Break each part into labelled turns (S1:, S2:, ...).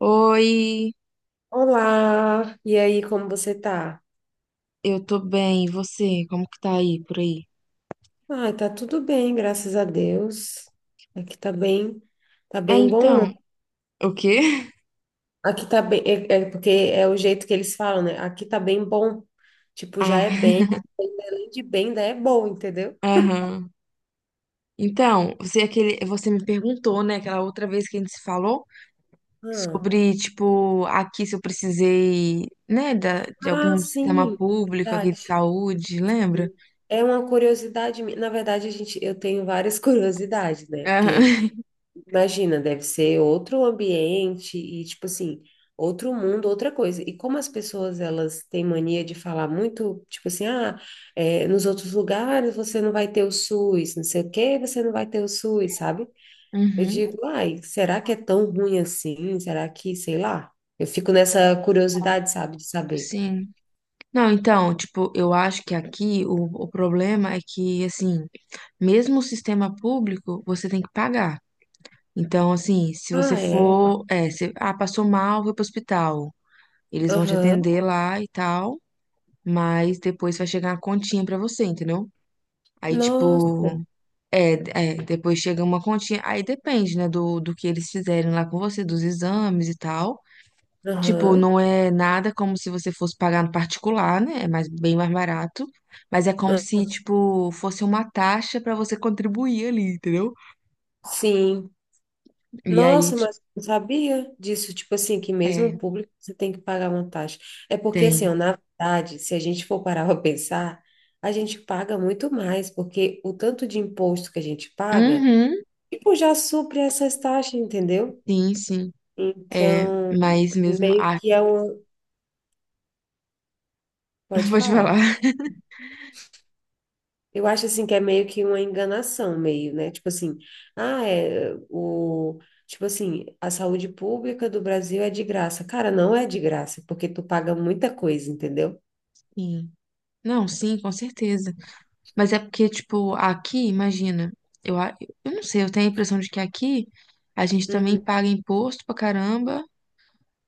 S1: Oi,
S2: Olá, e aí, como você tá?
S1: eu tô bem, e você? Como que tá aí, por aí?
S2: Ah, tá tudo bem, graças a Deus. Aqui tá
S1: É,
S2: bem bom.
S1: então, o quê?
S2: Aqui tá bem, é, é porque é o jeito que eles falam, né? Aqui tá bem bom. Tipo, já
S1: Ah,
S2: é bem, além de bem, ainda é bom, entendeu?
S1: aham. Então, você me perguntou, né, aquela outra vez que a gente se falou
S2: Ah,
S1: sobre, tipo, aqui se eu precisei, né, de
S2: ah,
S1: algum sistema
S2: sim,
S1: público aqui
S2: verdade.
S1: de saúde, lembra?
S2: Sim. É uma curiosidade, minha, na verdade, eu tenho várias curiosidades, né? Porque
S1: Aham.
S2: imagina, deve ser outro ambiente e, tipo assim, outro mundo, outra coisa. E como as pessoas, elas têm mania de falar muito, tipo assim, ah, é, nos outros lugares você não vai ter o SUS, não sei o quê, você não vai ter o SUS, sabe? Eu
S1: Uhum,
S2: digo, ai, será que é tão ruim assim? Será que, sei lá? Eu fico nessa curiosidade, sabe, de saber.
S1: sim. Não, então, tipo, eu acho que aqui o problema é que, assim, mesmo o sistema público, você tem que pagar. Então, assim, se você
S2: Ah, é?
S1: for, é, se, ah, passou mal, foi pro hospital. Eles vão te
S2: Aham.
S1: atender lá e tal, mas depois vai chegar uma continha pra você, entendeu? Aí, tipo,
S2: Nossa.
S1: é, depois chega uma continha. Aí depende, né, do que eles fizerem lá com você, dos exames e tal. Tipo,
S2: Aham.
S1: não é nada como se você fosse pagar no particular, né? É mais, bem mais barato. Mas é como
S2: Ah,
S1: se, tipo, fosse uma taxa pra você contribuir ali, entendeu?
S2: sim.
S1: E aí,
S2: Nossa,
S1: tipo,
S2: mas eu não sabia disso, tipo assim, que mesmo
S1: é,
S2: o público você tem que pagar uma taxa. É porque, assim,
S1: tem.
S2: ó, na verdade, se a gente for parar para pensar, a gente paga muito mais, porque o tanto de imposto que a gente paga,
S1: Uhum.
S2: tipo, já supre essas taxas, entendeu?
S1: Sim, sim. É,
S2: Então,
S1: mas mesmo.
S2: meio
S1: Ah,
S2: que é um. Pode
S1: pode
S2: falar.
S1: falar.
S2: Eu acho assim que é meio que uma enganação, meio, né? Tipo assim, ah, é o tipo assim, a saúde pública do Brasil é de graça. Cara, não é de graça, porque tu paga muita coisa, entendeu?
S1: Sim. Não, sim, com certeza. Mas é porque, tipo, aqui, imagina, eu, a- eu não sei, eu tenho a impressão de que aqui a gente também
S2: Uhum.
S1: paga imposto pra caramba.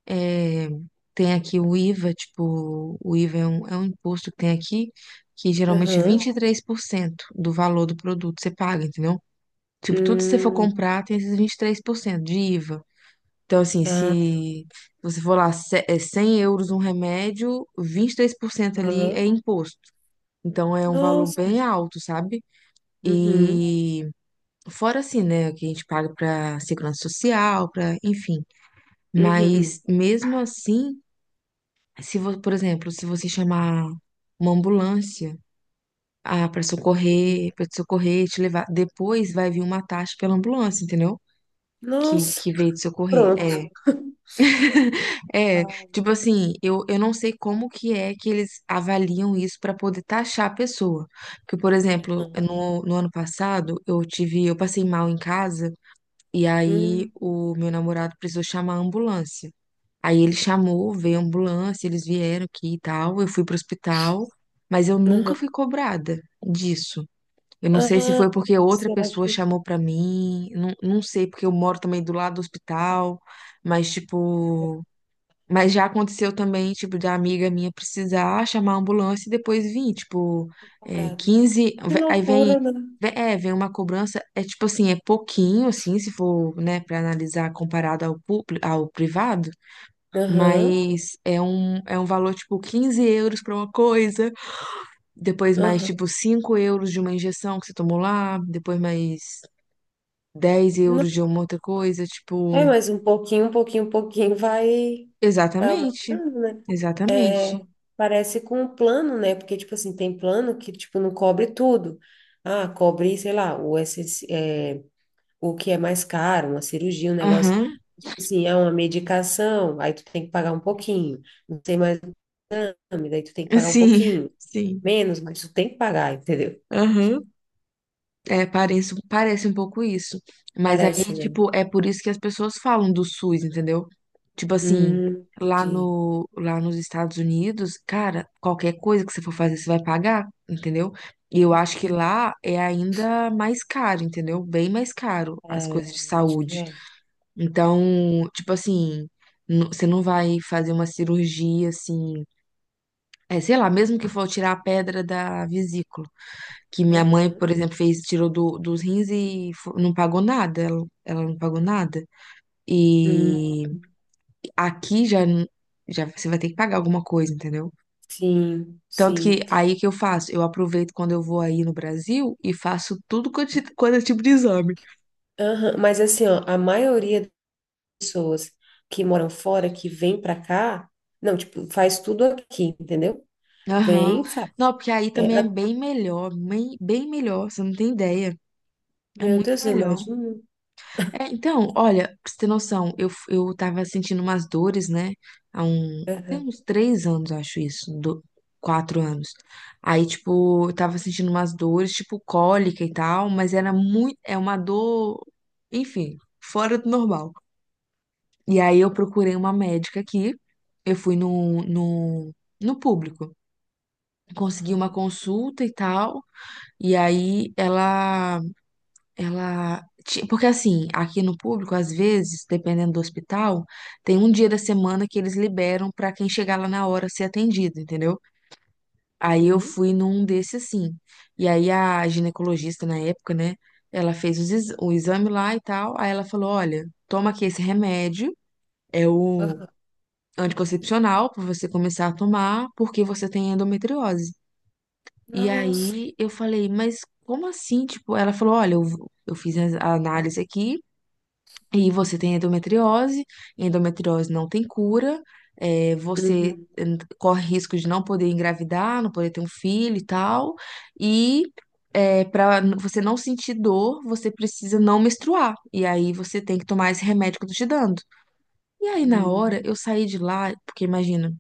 S1: É, tem aqui o IVA, tipo, o IVA é um imposto que tem aqui, que geralmente
S2: Aham.
S1: 23% do valor do produto você paga, entendeu? Tipo, tudo que você for
S2: Hum.
S1: comprar tem esses 23% de IVA. Então, assim,
S2: Ah,
S1: se você for lá, é €100 um remédio, 23% ali é
S2: aham.
S1: imposto. Então, é um valor
S2: Nossa.
S1: bem alto, sabe?
S2: Uhum.
S1: E fora assim, né, o que a gente paga para segurança social, para, enfim. Mas
S2: Uhum.
S1: mesmo assim, se você, por exemplo, se você chamar uma ambulância, ah, para
S2: Uhum.
S1: socorrer, para te socorrer, te levar, depois vai vir uma taxa pela ambulância, entendeu?
S2: Nossa.
S1: Que veio te socorrer.
S2: Pronto.
S1: É, É,
S2: Ah,
S1: tipo assim, eu não sei como que é que eles avaliam isso para poder taxar a pessoa. Porque, por exemplo,
S2: aham.
S1: no ano passado, eu tive, eu passei mal em casa e aí
S2: Hum.
S1: o meu namorado precisou chamar a ambulância. Aí ele chamou, veio a ambulância, eles vieram aqui e tal, eu fui pro hospital, mas eu nunca
S2: Aham.
S1: fui cobrada disso. Eu não sei se
S2: Ah,
S1: foi porque outra
S2: será
S1: pessoa
S2: que
S1: chamou pra mim, não, não sei, porque eu moro também do lado do hospital, mas tipo mas já aconteceu também, tipo, da amiga minha precisar chamar a ambulância e depois vir, tipo,
S2: é cobrado?
S1: 15.
S2: Que
S1: Aí vem,
S2: loucura, né?
S1: vem uma cobrança, é tipo assim, é pouquinho, assim, se for, né, pra analisar comparado ao público, ao privado,
S2: Aham.
S1: mas é um valor, tipo, €15 pra uma coisa, depois mais,
S2: Aham.
S1: tipo, €5 de uma injeção que você tomou lá, depois mais €10 de uma outra coisa,
S2: É,
S1: tipo,
S2: mas um pouquinho, um pouquinho, um pouquinho vai, vai
S1: exatamente,
S2: aumentando, né?
S1: exatamente.
S2: É, parece com o plano, né? Porque, tipo assim, tem plano que, tipo, não cobre tudo. Ah, cobre, sei lá, o, essenci- é, o que é mais caro, uma cirurgia, um negócio,
S1: Aham.
S2: tipo assim, é uma medicação, aí tu tem que pagar um pouquinho. Não tem mais exame, daí tu tem que pagar um
S1: Sim,
S2: pouquinho.
S1: sim.
S2: Menos, mas tu tem que pagar, entendeu?
S1: Aham. É, parece, parece um pouco isso. Mas aí,
S2: Parece, né?
S1: tipo, é por isso que as pessoas falam do SUS, entendeu? Tipo assim, lá
S2: Entendi.
S1: no, lá nos Estados Unidos, cara, qualquer coisa que você for fazer, você vai pagar, entendeu? E eu acho que
S2: Hum,
S1: lá é ainda mais caro, entendeu? Bem mais caro as
S2: É,
S1: coisas de
S2: eu acho que
S1: saúde.
S2: é.
S1: Então, tipo assim, você não vai fazer uma cirurgia assim. É, sei lá, mesmo que for tirar a pedra da vesícula. Que minha mãe,
S2: Aham.
S1: por exemplo, fez, tirou dos rins e não pagou nada. Ela não pagou nada.
S2: Hum.
S1: E aqui já, já você vai ter que pagar alguma coisa, entendeu?
S2: Sim,
S1: Tanto que
S2: sim.
S1: aí que eu faço, eu aproveito quando eu vou aí no Brasil e faço tudo quanto, quanto é tipo de exame.
S2: Aham, mas assim, ó, a maioria das pessoas que moram fora, que vem pra cá, não, tipo, faz tudo aqui, entendeu? Vem,
S1: Aham.
S2: e faz.
S1: Não, porque aí também
S2: É,
S1: é
S2: a-
S1: bem melhor, bem, bem melhor, você não tem ideia. É
S2: meu
S1: muito
S2: Deus, eu
S1: melhor.
S2: imagino.
S1: É, então, olha, pra você ter noção, eu tava sentindo umas dores, né? Tem
S2: Aham,
S1: uns 3 anos, eu acho isso, 4 anos. Aí, tipo, eu tava sentindo umas dores, tipo, cólica e tal, mas era muito, é uma dor, enfim, fora do normal. E aí eu procurei uma médica aqui, eu fui no público, consegui uma
S2: aham,
S1: consulta e tal, e aí porque assim, aqui no público, às vezes, dependendo do hospital, tem um dia da semana que eles liberam pra quem chegar lá na hora ser atendido, entendeu? Aí eu
S2: uhum,
S1: fui num desse assim. E aí a ginecologista na época, né? Ela fez o exame lá e tal. Aí ela falou: olha, toma aqui esse remédio, é o
S2: aham.
S1: anticoncepcional pra você começar a tomar, porque você tem endometriose. E
S2: Nossa.
S1: aí eu falei, mas como assim? Tipo, ela falou: olha, eu fiz a análise aqui. E você tem endometriose, endometriose não tem cura, você
S2: Uhum,
S1: corre risco de não poder engravidar, não poder ter um filho e tal. E para você não sentir dor, você precisa não menstruar. E aí você tem que tomar esse remédio que eu tô te dando. E aí na hora
S2: uhum.
S1: eu saí de lá, porque imagina,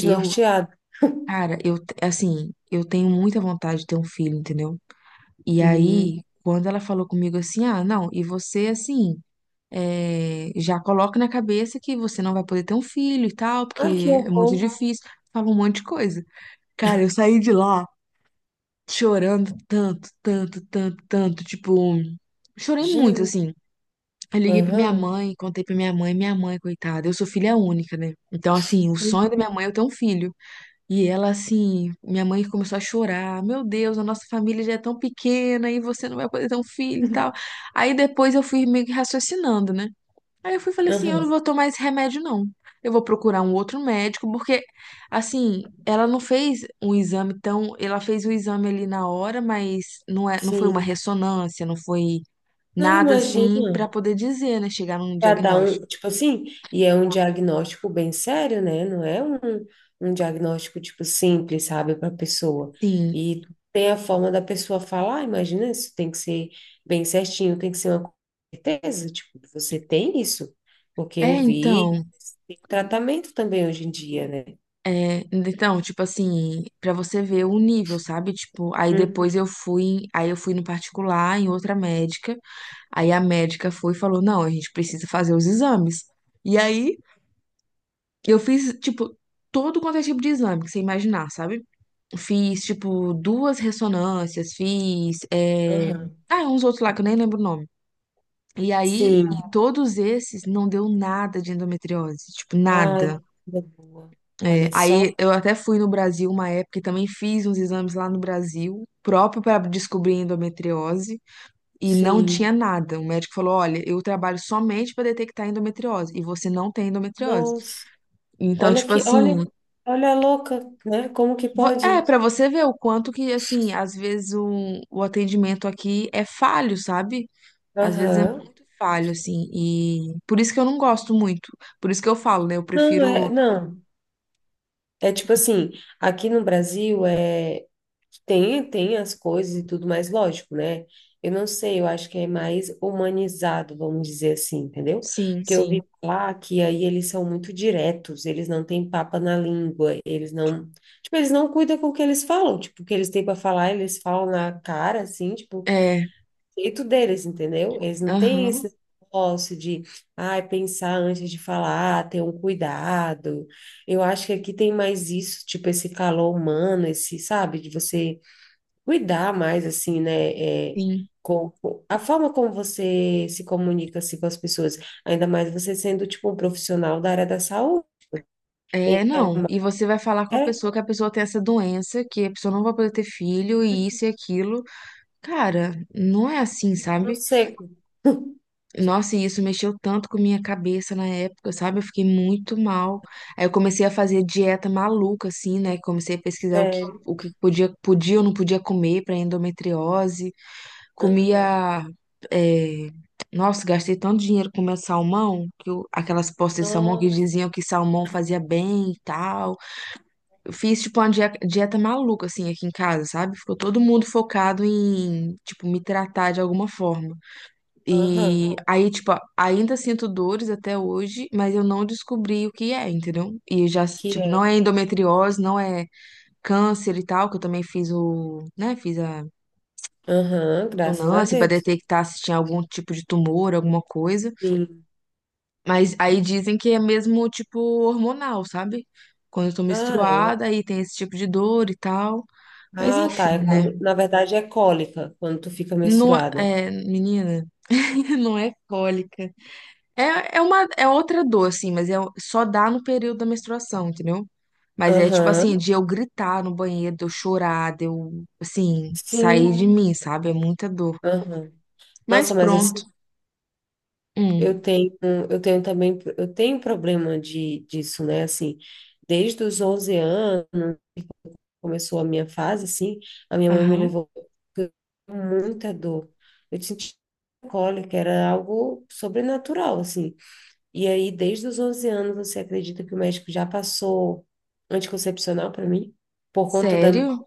S1: eu, cara, assim, eu tenho muita vontade de ter um filho, entendeu? E
S2: Uhum.
S1: aí, quando ela falou comigo assim, ah, não, e você assim já coloca na cabeça que você não vai poder ter um filho e tal,
S2: Ai, que
S1: porque é
S2: horror.
S1: muito difícil. Fala um monte de coisa. Cara, eu saí de lá chorando tanto, tanto, tanto, tanto. Tipo, chorei muito,
S2: Imagino.
S1: assim. Eu liguei pra minha
S2: Aham.
S1: mãe, contei pra minha mãe, coitada. Eu sou filha única, né? Então, assim, o sonho da
S2: Uhum.
S1: minha mãe é eu ter um filho. E ela, assim, minha mãe começou a chorar. Meu Deus, a nossa família já é tão pequena e você não vai poder ter um filho e tal. Aí depois eu fui meio que raciocinando, né? Aí eu fui e falei assim, eu não
S2: Aham.
S1: vou tomar esse remédio, não. Eu vou procurar um outro médico, porque, assim, ela não fez um exame tão... Ela fez o exame ali na hora, mas não é, não foi uma
S2: Sim.
S1: ressonância, não foi
S2: Não
S1: nada assim pra
S2: imagina,
S1: poder dizer, né? Chegar num
S2: para dar um,
S1: diagnóstico.
S2: tipo assim, e é um diagnóstico bem sério, né? Não é um, um diagnóstico, tipo, simples, sabe, para a pessoa.
S1: Sim.
S2: E tem a forma da pessoa falar, imagina, isso tem que ser bem certinho, tem que ser uma certeza, tipo, você tem isso, porque
S1: É,
S2: eu vi
S1: então,
S2: tratamento também hoje em dia, né?
S1: é, então, tipo assim, pra você ver o nível, sabe? Tipo,
S2: Uhum,
S1: aí eu fui no particular, em outra médica, aí a médica foi e falou, não, a gente precisa fazer os exames. E aí, eu fiz, tipo, todo quanto é tipo de exame que você imaginar, sabe? Fiz, tipo, duas ressonâncias,
S2: aham.
S1: ah, uns outros lá que eu nem lembro o nome. E aí,
S2: Sim.
S1: em todos esses, não deu nada de endometriose, tipo,
S2: Ai,
S1: nada.
S2: que vida boa.
S1: É,
S2: Olha
S1: aí
S2: só.
S1: eu até fui no Brasil uma época e também fiz uns exames lá no Brasil, próprio para descobrir endometriose, e não
S2: Sim.
S1: tinha nada. O médico falou: olha, eu trabalho somente para detectar endometriose, e você não tem endometriose.
S2: Nossa.
S1: Então,
S2: Olha
S1: tipo
S2: que, olha,
S1: assim,
S2: olha a louca, né? Como que
S1: É,
S2: pode?
S1: pra você ver o quanto que, assim, às vezes o atendimento aqui é falho, sabe? Às vezes é
S2: Aham.
S1: muito falho, assim, e por isso que eu não gosto muito. Por isso que eu falo, né? Eu
S2: Não, é,
S1: prefiro.
S2: não. É tipo assim, aqui no Brasil é tem as coisas e tudo mais, lógico, né? Eu não sei, eu acho que é mais humanizado, vamos dizer assim, entendeu?
S1: Sim,
S2: Porque eu
S1: sim.
S2: vi lá que aí eles são muito diretos, eles não têm papa na língua, eles não, tipo, eles não cuidam com o que eles falam, tipo, o que eles têm para falar, eles falam na cara assim, tipo,
S1: É,
S2: jeito deles, entendeu? Eles não têm
S1: aham,
S2: esse negócio de, ai, pensar antes de falar, ter um cuidado. Eu acho que aqui tem mais isso, tipo, esse calor humano, esse, sabe, de você cuidar mais, assim, né? É,
S1: sim.
S2: a forma como você se comunica, assim, com as pessoas, ainda mais você sendo, tipo, um profissional da área da saúde.
S1: É,
S2: É,
S1: não. E você vai falar com a
S2: é,
S1: pessoa que a pessoa tem essa doença, que a pessoa não vai poder ter filho, e isso e aquilo. Cara, não é assim,
S2: tipo, não
S1: sabe?
S2: sei.
S1: Nossa, e isso mexeu tanto com minha cabeça na época, sabe? Eu fiquei muito mal. Aí eu comecei a fazer dieta maluca, assim, né? Comecei a pesquisar o que,
S2: Sério.
S1: o que podia, podia ou não podia comer para endometriose.
S2: Aham.
S1: Comia. é, Nossa, gastei tanto dinheiro comendo salmão, aquelas postas de salmão que
S2: Nossa.
S1: diziam que salmão fazia bem e tal. Eu fiz, tipo, uma dieta maluca, assim, aqui em casa, sabe? Ficou todo mundo focado em, tipo, me tratar de alguma forma.
S2: Aham.
S1: E aí, tipo, ainda sinto dores até hoje, mas eu não descobri o que é, entendeu? E já,
S2: Que
S1: tipo, não
S2: é.
S1: é endometriose, não é câncer e tal, que eu também né, fiz a
S2: Aham, graças a
S1: ressonância pra
S2: Deus.
S1: detectar se tinha algum tipo de tumor, alguma coisa.
S2: Sim.
S1: Mas aí dizem que é mesmo, tipo, hormonal, sabe? Quando eu tô
S2: Ah, é.
S1: menstruada, aí tem esse tipo de dor e tal. Mas
S2: Ah, tá. É
S1: enfim, né?
S2: quando, na verdade, é cólica, quando tu fica
S1: Não,
S2: menstruada.
S1: menina, não é cólica. É, é uma é outra dor, assim, mas é, só dá no período da menstruação, entendeu? Mas é tipo assim,
S2: Aham.
S1: de eu gritar no banheiro, de eu chorar, de eu, assim, sair
S2: Sim.
S1: de mim, sabe? É muita dor.
S2: Aham.
S1: Mas
S2: Nossa, mas
S1: pronto.
S2: assim,
S1: Hum,
S2: eu tenho, eu tenho também, eu tenho problema de, disso, né? Assim, desde os 11 anos, começou a minha fase, assim, a minha mãe me
S1: aham.
S2: levou com muita dor. Eu senti cólica, era algo sobrenatural, assim. E aí, desde os 11 anos, você acredita que o médico já passou anticoncepcional para mim? Por conta da,
S1: Sério?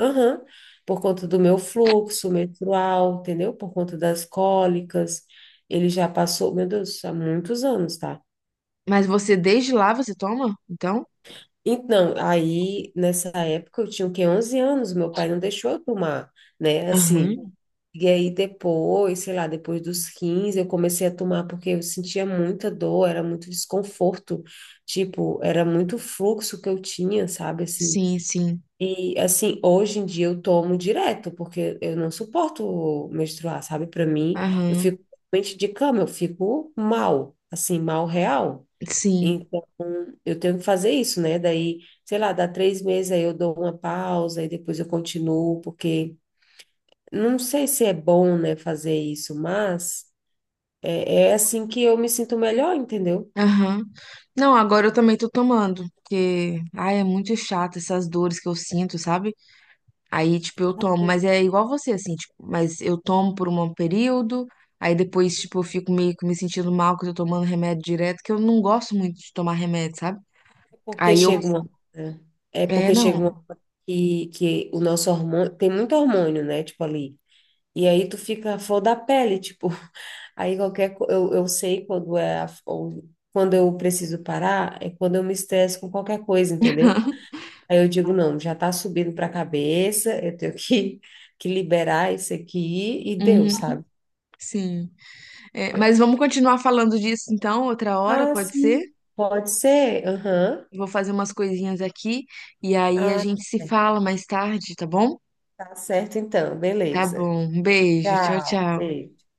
S2: aham. Por conta do meu fluxo menstrual, entendeu? Por conta das cólicas. Ele já passou, meu Deus, há muitos anos, tá?
S1: Mas você, desde lá, você toma? Então?
S2: Então, aí, nessa época, eu tinha, o quê? 11 anos, meu pai não deixou eu tomar, né? Assim,
S1: Aham.
S2: e aí depois, sei lá, depois dos 15 eu comecei a tomar porque eu sentia muita dor, era muito desconforto, tipo, era muito fluxo que eu tinha, sabe? Assim,
S1: Sim, sim.
S2: e assim, hoje em dia eu tomo direto, porque eu não suporto menstruar, sabe? Para mim, eu
S1: Aham.
S2: fico realmente de cama, eu fico mal, assim, mal real.
S1: Sim.
S2: Então, eu tenho que fazer isso, né? Daí, sei lá, dá 3 meses, aí eu dou uma pausa e depois eu continuo, porque não sei se é bom, né, fazer isso, mas é, é assim que eu me sinto melhor, entendeu?
S1: Aham. Não, agora eu também tô tomando, porque, ai, é muito chato essas dores que eu sinto, sabe? Aí, tipo, eu tomo, mas é igual você, assim, tipo, mas eu tomo por um período, aí depois, tipo, eu fico meio que me sentindo mal que eu tô tomando remédio direto, que eu não gosto muito de tomar remédio, sabe?
S2: Porque
S1: Aí eu.
S2: chega uma hora- é
S1: É,
S2: porque chega uma
S1: não.
S2: hora que, o nosso hormônio, tem muito hormônio, né, tipo ali, e aí tu fica a flor da pele, tipo, aí qualquer, co- eu sei quando é, a- ou- quando eu preciso parar, é quando eu me estresso com qualquer coisa, entendeu? Aí eu digo, não, já tá subindo pra cabeça, eu tenho que, liberar isso aqui e deu,
S1: Uhum,
S2: sabe?
S1: sim. É, mas vamos continuar falando disso então, outra hora,
S2: Ah,
S1: pode ser?
S2: sim, pode ser, aham.
S1: Vou fazer umas coisinhas aqui e aí a
S2: Ah, tá
S1: gente se
S2: certo.
S1: fala mais tarde, tá bom?
S2: Tá certo então,
S1: Tá
S2: beleza.
S1: bom. Um beijo. Tchau,
S2: Tchau,
S1: tchau.
S2: beijo.